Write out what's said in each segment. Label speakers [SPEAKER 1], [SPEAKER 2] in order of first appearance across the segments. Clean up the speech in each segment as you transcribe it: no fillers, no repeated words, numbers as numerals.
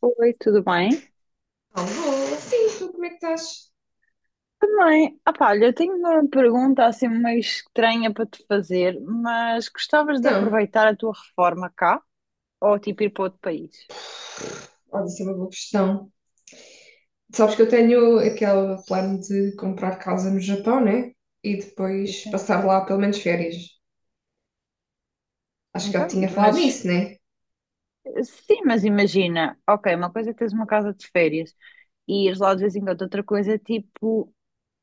[SPEAKER 1] Oi, tudo bem?
[SPEAKER 2] Não, vou. Sim, tu como é que estás?
[SPEAKER 1] Também, ah pá, olha, eu tenho uma pergunta assim meio estranha para te fazer, mas gostavas de
[SPEAKER 2] Então,
[SPEAKER 1] aproveitar a tua reforma cá ou tipo ir para outro país?
[SPEAKER 2] olha, isso é uma boa questão. Sabes que eu tenho aquele plano de comprar casa no Japão, né? E
[SPEAKER 1] Sim,
[SPEAKER 2] depois
[SPEAKER 1] sim.
[SPEAKER 2] passar lá pelo menos férias. Acho que já
[SPEAKER 1] Então,
[SPEAKER 2] tinha falado
[SPEAKER 1] mas
[SPEAKER 2] nisso, né?
[SPEAKER 1] sim, mas imagina, ok, uma coisa é teres uma casa de férias, e ires lá de vez em quando. Outra coisa é tipo,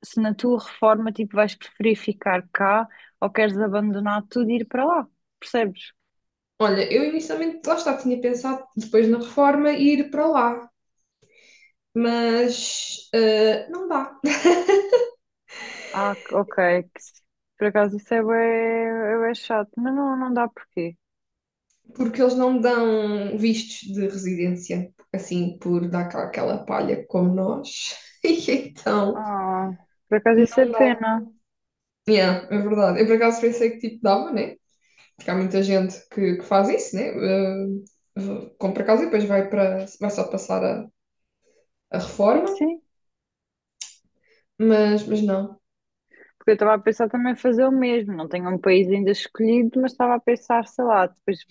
[SPEAKER 1] se na tua reforma tipo, vais preferir ficar cá ou queres abandonar tudo e ir para lá, percebes?
[SPEAKER 2] Olha, eu inicialmente lá está, tinha pensado depois na reforma ir para lá, mas não dá.
[SPEAKER 1] Ah, ok, que se- por acaso isso é bué chato, mas não, não dá porquê.
[SPEAKER 2] Porque eles não dão vistos de residência, assim, por dar cá aquela palha como nós. E então,
[SPEAKER 1] Ah, por acaso isso é
[SPEAKER 2] não dá.
[SPEAKER 1] pena.
[SPEAKER 2] Yeah, é verdade. Eu por acaso pensei que tipo dava, né? Porque há muita gente que faz isso, né? Compra casa e depois vai para, vai só passar a
[SPEAKER 1] Sim,
[SPEAKER 2] reforma,
[SPEAKER 1] sim.
[SPEAKER 2] mas não.
[SPEAKER 1] Porque eu estava a pensar também fazer o mesmo. Não tenho um país ainda escolhido, mas estava a pensar, sei lá, depois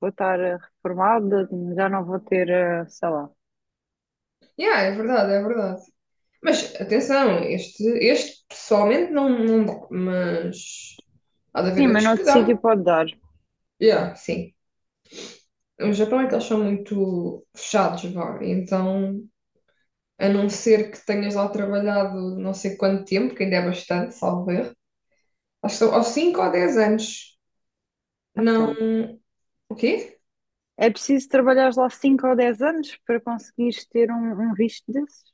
[SPEAKER 1] vou estar reformada, já não vou ter, sei lá.
[SPEAKER 2] Yeah, é verdade, é verdade. Mas atenção, este pessoalmente não, não dá, mas há de
[SPEAKER 1] Sim,
[SPEAKER 2] haver
[SPEAKER 1] mas
[SPEAKER 2] outros que
[SPEAKER 1] noutro sítio
[SPEAKER 2] dão.
[SPEAKER 1] pode dar.
[SPEAKER 2] Yeah, sim. O Japão é que eles
[SPEAKER 1] Não.
[SPEAKER 2] são muito fechados, vá. Então, a não ser que tenhas lá trabalhado não sei quanto tempo, que ainda é bastante, salvo erro. Acho que são aos 5 ou 10 anos. Não.
[SPEAKER 1] Então.
[SPEAKER 2] O quê?
[SPEAKER 1] É preciso trabalhar lá 5 ou 10 anos para conseguires ter um visto desses?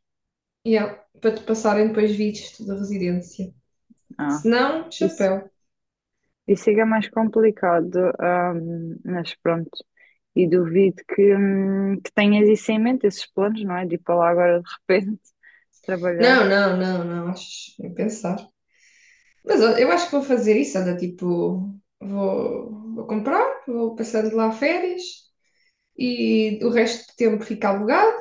[SPEAKER 2] Yeah. Para te passarem depois vistos da residência.
[SPEAKER 1] Ah,
[SPEAKER 2] Se não,
[SPEAKER 1] isso,
[SPEAKER 2] chapéu.
[SPEAKER 1] isso é que é mais complicado. Mas pronto, e duvido que tenhas isso em mente, esses planos, não é? De ir para lá agora de repente trabalhar.
[SPEAKER 2] Não, não, não, não. Acho nem pensar. Mas ó, eu acho que vou fazer isso. Olha, tipo, vou comprar, vou passando lá férias e o resto do tempo fica alugado.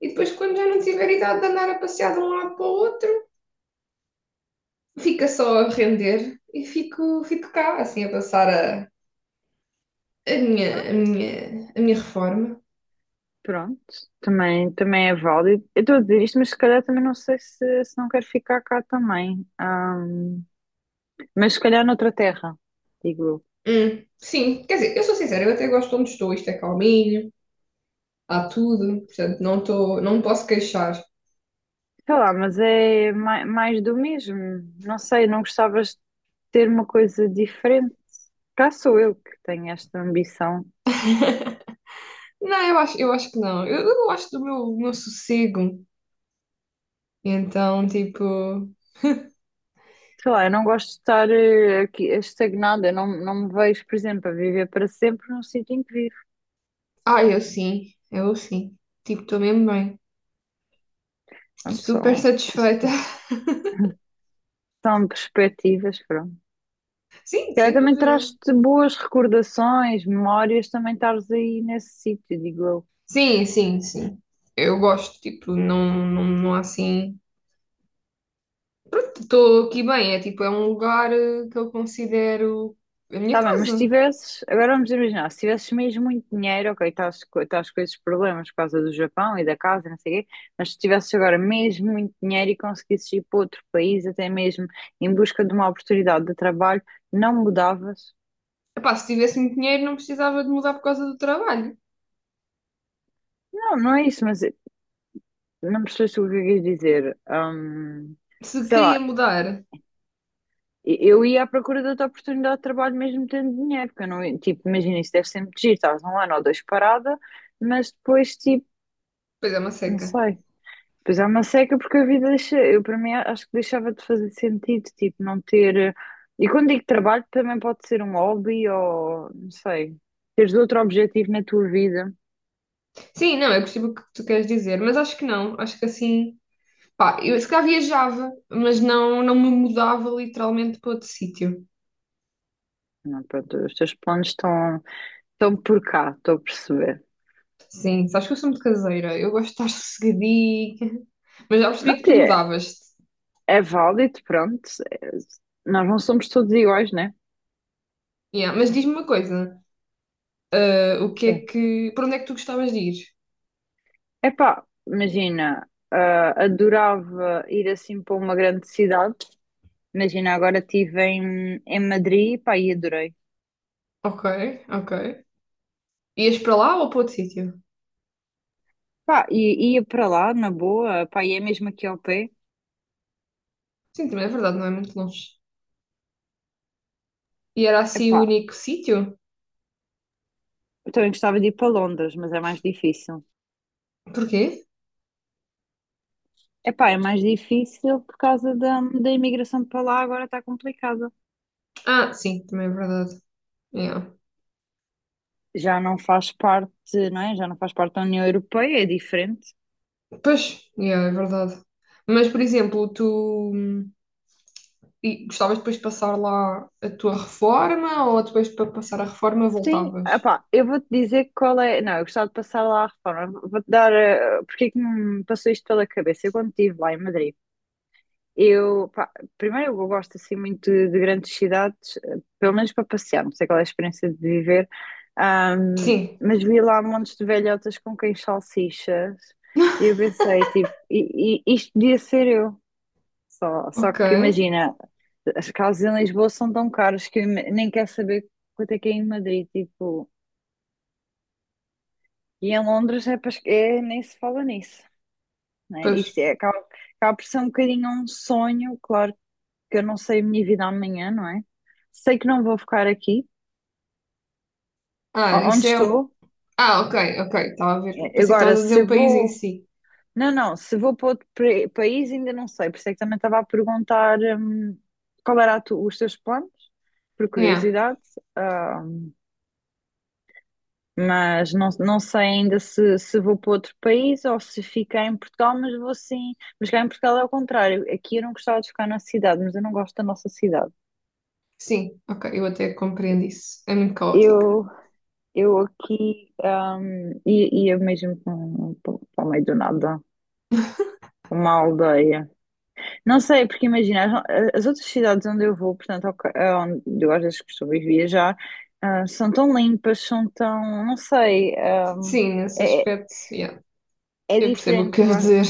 [SPEAKER 2] E depois, quando já não tiver idade de andar a passear de um lado para o outro, fica só a render e fico cá, assim, a passar a,
[SPEAKER 1] Ah,
[SPEAKER 2] a minha reforma.
[SPEAKER 1] pronto, também é válido. Eu estou a dizer isto, mas se calhar também não sei se não quero ficar cá também. Mas se calhar noutra terra, digo eu.
[SPEAKER 2] Sim, quer dizer, eu sou sincera, eu até gosto de onde estou, isto é calminho, há tudo, portanto, não estou, não me posso queixar.
[SPEAKER 1] Sei lá, mas é mais do mesmo. Não sei, não gostavas de ter uma coisa diferente. Cá sou eu que tenho esta ambição.
[SPEAKER 2] Não, eu acho que não, eu gosto do meu sossego, então, tipo,
[SPEAKER 1] Sei lá, eu não gosto de estar aqui estagnada. Eu não me vejo, por exemplo, a viver para sempre num sítio em que vivo.
[SPEAKER 2] ah, eu sim, tipo, estou mesmo bem,
[SPEAKER 1] Pronto,
[SPEAKER 2] super satisfeita.
[SPEAKER 1] são, são perspectivas, pronto. Se
[SPEAKER 2] Sim,
[SPEAKER 1] calhar
[SPEAKER 2] sem
[SPEAKER 1] também
[SPEAKER 2] dúvida.
[SPEAKER 1] traz-te boas recordações, memórias, também estares aí nesse sítio, digo eu.
[SPEAKER 2] Sim, sim, sim, eu gosto, tipo, não, não, não há assim, pronto, estou aqui bem, é tipo, é um lugar que eu considero a minha
[SPEAKER 1] Tá bem, mas se
[SPEAKER 2] casa.
[SPEAKER 1] tivesses, agora vamos imaginar, se tivesses mesmo muito dinheiro, ok, estás com esses problemas por causa do Japão e da casa, e não sei o quê, mas se tivesses agora mesmo muito dinheiro e conseguisses ir para outro país, até mesmo em busca de uma oportunidade de trabalho, não mudavas?
[SPEAKER 2] Epá, se tivesse muito dinheiro, não precisava de mudar por causa do trabalho.
[SPEAKER 1] Não, não é isso, mas não percebeste o que eu quis dizer. Hum,
[SPEAKER 2] Se
[SPEAKER 1] sei
[SPEAKER 2] queria
[SPEAKER 1] lá,
[SPEAKER 2] mudar,
[SPEAKER 1] eu ia à procura de outra oportunidade de trabalho mesmo tendo dinheiro, porque eu não, tipo, imagina, isso deve ser muito giro, estás um ano ou dois parada, mas depois, tipo,
[SPEAKER 2] pois é uma
[SPEAKER 1] não
[SPEAKER 2] seca.
[SPEAKER 1] sei. Pois há uma seca porque a vida deixa, eu para mim acho que deixava de fazer sentido, tipo, não ter. E quando digo trabalho também pode ser um hobby ou não sei, teres outro objetivo na tua vida.
[SPEAKER 2] Sim, não, eu percebo o que tu queres dizer, mas acho que não. Acho que assim, pá, eu se calhar viajava, mas não, não me mudava literalmente para outro sítio.
[SPEAKER 1] Não, pronto, os teus planos estão por cá, estou a perceber.
[SPEAKER 2] Sim, sabes que eu sou muito caseira, eu gosto de estar sossegadinha, mas já
[SPEAKER 1] Não
[SPEAKER 2] percebi que tu
[SPEAKER 1] é,
[SPEAKER 2] mudavas-te.
[SPEAKER 1] é válido, pronto. é- nós não somos todos iguais, né?
[SPEAKER 2] Yeah, mas diz-me uma coisa, o que é
[SPEAKER 1] Sim.
[SPEAKER 2] que, para onde é que tu gostavas de ir?
[SPEAKER 1] Epá, imagina, ah, adorava ir assim para uma grande cidade. Imagina, agora estive em Madrid, pá, e adorei.
[SPEAKER 2] Ok, ok. Ias para lá ou para outro sítio?
[SPEAKER 1] Pá, e ia para lá, na boa, pá, e é mesmo aqui ao pé.
[SPEAKER 2] Sim, também é verdade, não é muito longe. E era assim o
[SPEAKER 1] Epá,
[SPEAKER 2] único sítio?
[SPEAKER 1] eu também gostava de ir para Londres, mas é mais difícil.
[SPEAKER 2] Porquê?
[SPEAKER 1] Epá, é mais difícil por causa da imigração para lá, agora está complicada.
[SPEAKER 2] Ah, sim, também é verdade. Yeah.
[SPEAKER 1] Já não faz parte, não é? Já não faz parte da União Europeia, é diferente.
[SPEAKER 2] Pois, yeah, é verdade. Mas, por exemplo, tu e gostavas depois de passar lá a tua reforma ou depois para passar a reforma
[SPEAKER 1] Sim,
[SPEAKER 2] voltavas?
[SPEAKER 1] epá, eu vou-te dizer qual é. Não, eu gostava de passar lá a reforma. Vou-te dar. Porque é que me passou isto pela cabeça? Eu quando estive lá em Madrid. Eu, pá, primeiro, eu gosto assim muito de grandes cidades, pelo menos para passear, não sei qual é a experiência de viver. Ahm,
[SPEAKER 2] Sim,
[SPEAKER 1] mas vi lá montes de velhotas com quem salsichas e eu pensei, tipo, isto podia ser eu. Só
[SPEAKER 2] ok.
[SPEAKER 1] que imagina, as casas em Lisboa são tão caras que eu nem quero saber quanto é que é em Madrid, tipo, e em Londres é nem se fala nisso, né?
[SPEAKER 2] Pois.
[SPEAKER 1] Isto é, acaba por ser um bocadinho um sonho, claro que eu não sei a minha vida amanhã, não é? Sei que não vou ficar aqui,
[SPEAKER 2] Ah,
[SPEAKER 1] onde
[SPEAKER 2] isso é. Um-
[SPEAKER 1] estou.
[SPEAKER 2] ah, ok, ok, estava a ver. Pensei que
[SPEAKER 1] Agora,
[SPEAKER 2] estavas a dizer
[SPEAKER 1] se
[SPEAKER 2] o país em
[SPEAKER 1] vou.
[SPEAKER 2] si.
[SPEAKER 1] Não, não, se vou para outro país ainda não sei, por isso é que também estava a perguntar, qual era os teus planos, por
[SPEAKER 2] Yeah.
[SPEAKER 1] curiosidade, ah, mas não sei ainda se vou para outro país ou se ficar em Portugal, mas vou sim. Mas cá em Portugal é o contrário, aqui eu não gostava de ficar na cidade, mas eu não gosto da nossa cidade.
[SPEAKER 2] Sim, ok, eu até compreendo isso. É muito caótica.
[SPEAKER 1] Eu Eu aqui, e eu mesmo para o meio do nada, uma aldeia. Não sei, porque imagina, as outras cidades onde eu vou, portanto, ok, onde eu às vezes costumo ir viajar, ah, são tão limpas, são tão, não sei,
[SPEAKER 2] Sim, nesse
[SPEAKER 1] é,
[SPEAKER 2] aspecto, yeah,
[SPEAKER 1] é
[SPEAKER 2] eu percebo o que
[SPEAKER 1] diferente. Eu,
[SPEAKER 2] queres
[SPEAKER 1] a-
[SPEAKER 2] dizer.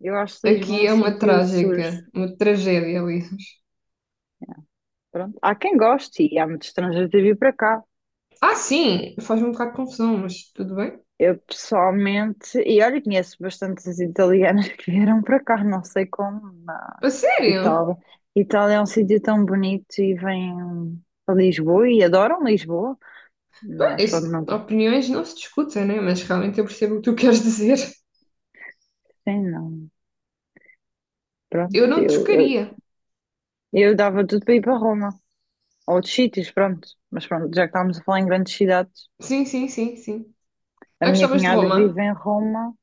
[SPEAKER 1] eu acho Lisboa
[SPEAKER 2] Aqui
[SPEAKER 1] um
[SPEAKER 2] é uma
[SPEAKER 1] sítio sujo.
[SPEAKER 2] trágica, uma tragédia, aliás.
[SPEAKER 1] Pronto. Há quem goste e há muitos estrangeiros a vir para cá.
[SPEAKER 2] Ah, sim, faz-me um bocado de confusão, mas tudo bem.
[SPEAKER 1] Eu pessoalmente, e olha, conheço bastantes italianas que vieram para cá, não sei como,
[SPEAKER 2] A sério?
[SPEAKER 1] Vitória. Itália é um sítio tão bonito e vêm a Lisboa e adoram Lisboa.
[SPEAKER 2] Bem,
[SPEAKER 1] Mas pronto,
[SPEAKER 2] isso-
[SPEAKER 1] não está.
[SPEAKER 2] opiniões não se discutem, né? Mas realmente eu percebo o que tu queres dizer.
[SPEAKER 1] Sim, não. Pronto,
[SPEAKER 2] Eu não
[SPEAKER 1] eu, eu,
[SPEAKER 2] trocaria.
[SPEAKER 1] eu dava tudo para ir para Roma. Ou outros sítios, pronto. Mas pronto, já que estávamos a falar em grandes cidades,
[SPEAKER 2] Sim, sim, sim, sim.
[SPEAKER 1] a
[SPEAKER 2] Ah,
[SPEAKER 1] minha
[SPEAKER 2] gostavas de
[SPEAKER 1] cunhada
[SPEAKER 2] Roma?
[SPEAKER 1] vive em Roma.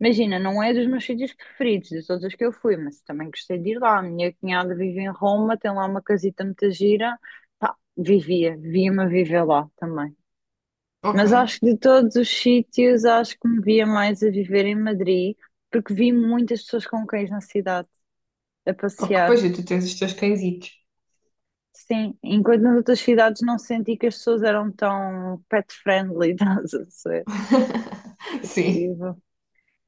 [SPEAKER 1] Imagina, não é dos meus sítios preferidos, de todos os que eu fui, mas também gostei de ir lá. A minha cunhada vive em Roma, tem lá uma casita muito gira. Pá, via-me a viver lá também.
[SPEAKER 2] Ok.
[SPEAKER 1] Mas acho que de todos os sítios, acho que me via mais a viver em Madrid, porque vi muitas pessoas com cães na cidade, a
[SPEAKER 2] Ok, pois
[SPEAKER 1] passear.
[SPEAKER 2] é, tu tens os teus cãezitos.
[SPEAKER 1] Sim, enquanto nas outras cidades não senti que as pessoas eram tão pet friendly, estás a ver?
[SPEAKER 2] Sim.
[SPEAKER 1] Tipo,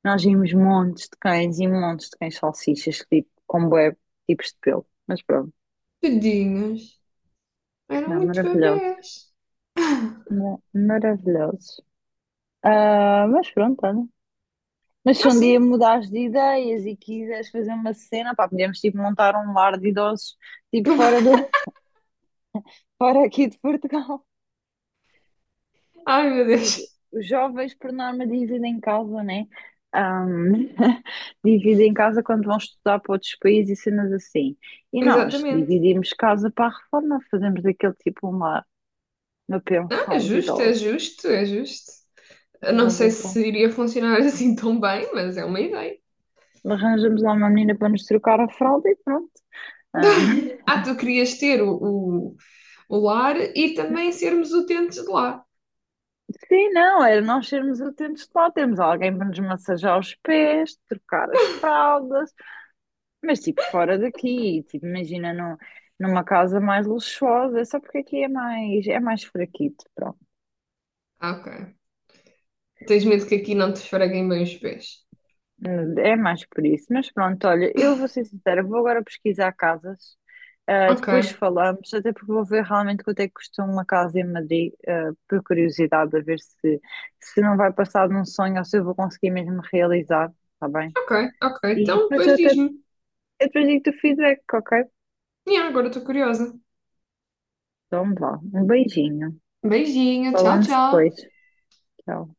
[SPEAKER 1] nós vimos montes de cães e montes de cães salsichas, tipo, com bué tipos de pelo. Mas pronto,
[SPEAKER 2] Tadinhos. Eram
[SPEAKER 1] não,
[SPEAKER 2] muitos
[SPEAKER 1] maravilhosos.
[SPEAKER 2] bebés.
[SPEAKER 1] Não, maravilhosos. Ah, mas pronto, olha. Mas se
[SPEAKER 2] Ah,
[SPEAKER 1] um dia
[SPEAKER 2] sim.
[SPEAKER 1] mudares de ideias e quiseres fazer uma cena, pá, podemos tipo montar um lar de idosos, tipo fora do, fora aqui de Portugal.
[SPEAKER 2] Ai, meu
[SPEAKER 1] Os,
[SPEAKER 2] Deus.
[SPEAKER 1] os jovens, por norma, dividem casa, né? Ahm, dividem casa quando vão estudar para outros países e cenas assim. E nós
[SPEAKER 2] Exatamente.
[SPEAKER 1] dividimos casa para a reforma, fazemos daquele tipo uma
[SPEAKER 2] Não, é
[SPEAKER 1] pensão de
[SPEAKER 2] justo, é
[SPEAKER 1] idosos.
[SPEAKER 2] justo, é justo. Eu não sei
[SPEAKER 1] Arranjas lá-
[SPEAKER 2] se iria funcionar assim tão bem, mas é uma ideia.
[SPEAKER 1] Arranjamos lá uma menina para nos trocar a fralda e pronto. Ahm.
[SPEAKER 2] Ah, tu querias ter o lar e também sermos utentes de lá.
[SPEAKER 1] Sim, não, era nós sermos atentos de lá, termos alguém para nos massajar os pés, trocar as fraldas, mas tipo fora daqui, tipo, imagina numa casa mais luxuosa, é só porque aqui é mais, fraquito, pronto,
[SPEAKER 2] Ah, ok. Tens medo que aqui não te esfreguem bem os pés.
[SPEAKER 1] é mais por isso. Mas pronto, olha, eu vou ser sincera, vou agora pesquisar casas, ah,
[SPEAKER 2] Ok,
[SPEAKER 1] depois falamos, até porque vou ver realmente quanto é que custa uma casa em Madrid, ah, por curiosidade, a ver se não vai passar de um sonho ou se eu vou conseguir mesmo realizar, está bem?
[SPEAKER 2] ok, ok.
[SPEAKER 1] E
[SPEAKER 2] Então,
[SPEAKER 1] depois eu
[SPEAKER 2] depois
[SPEAKER 1] até
[SPEAKER 2] diz-me.
[SPEAKER 1] Eu depois digo-te o feedback, ok?
[SPEAKER 2] E agora estou curiosa.
[SPEAKER 1] Então vá, um beijinho.
[SPEAKER 2] Beijinho, tchau,
[SPEAKER 1] Falamos
[SPEAKER 2] tchau.
[SPEAKER 1] depois. Tchau.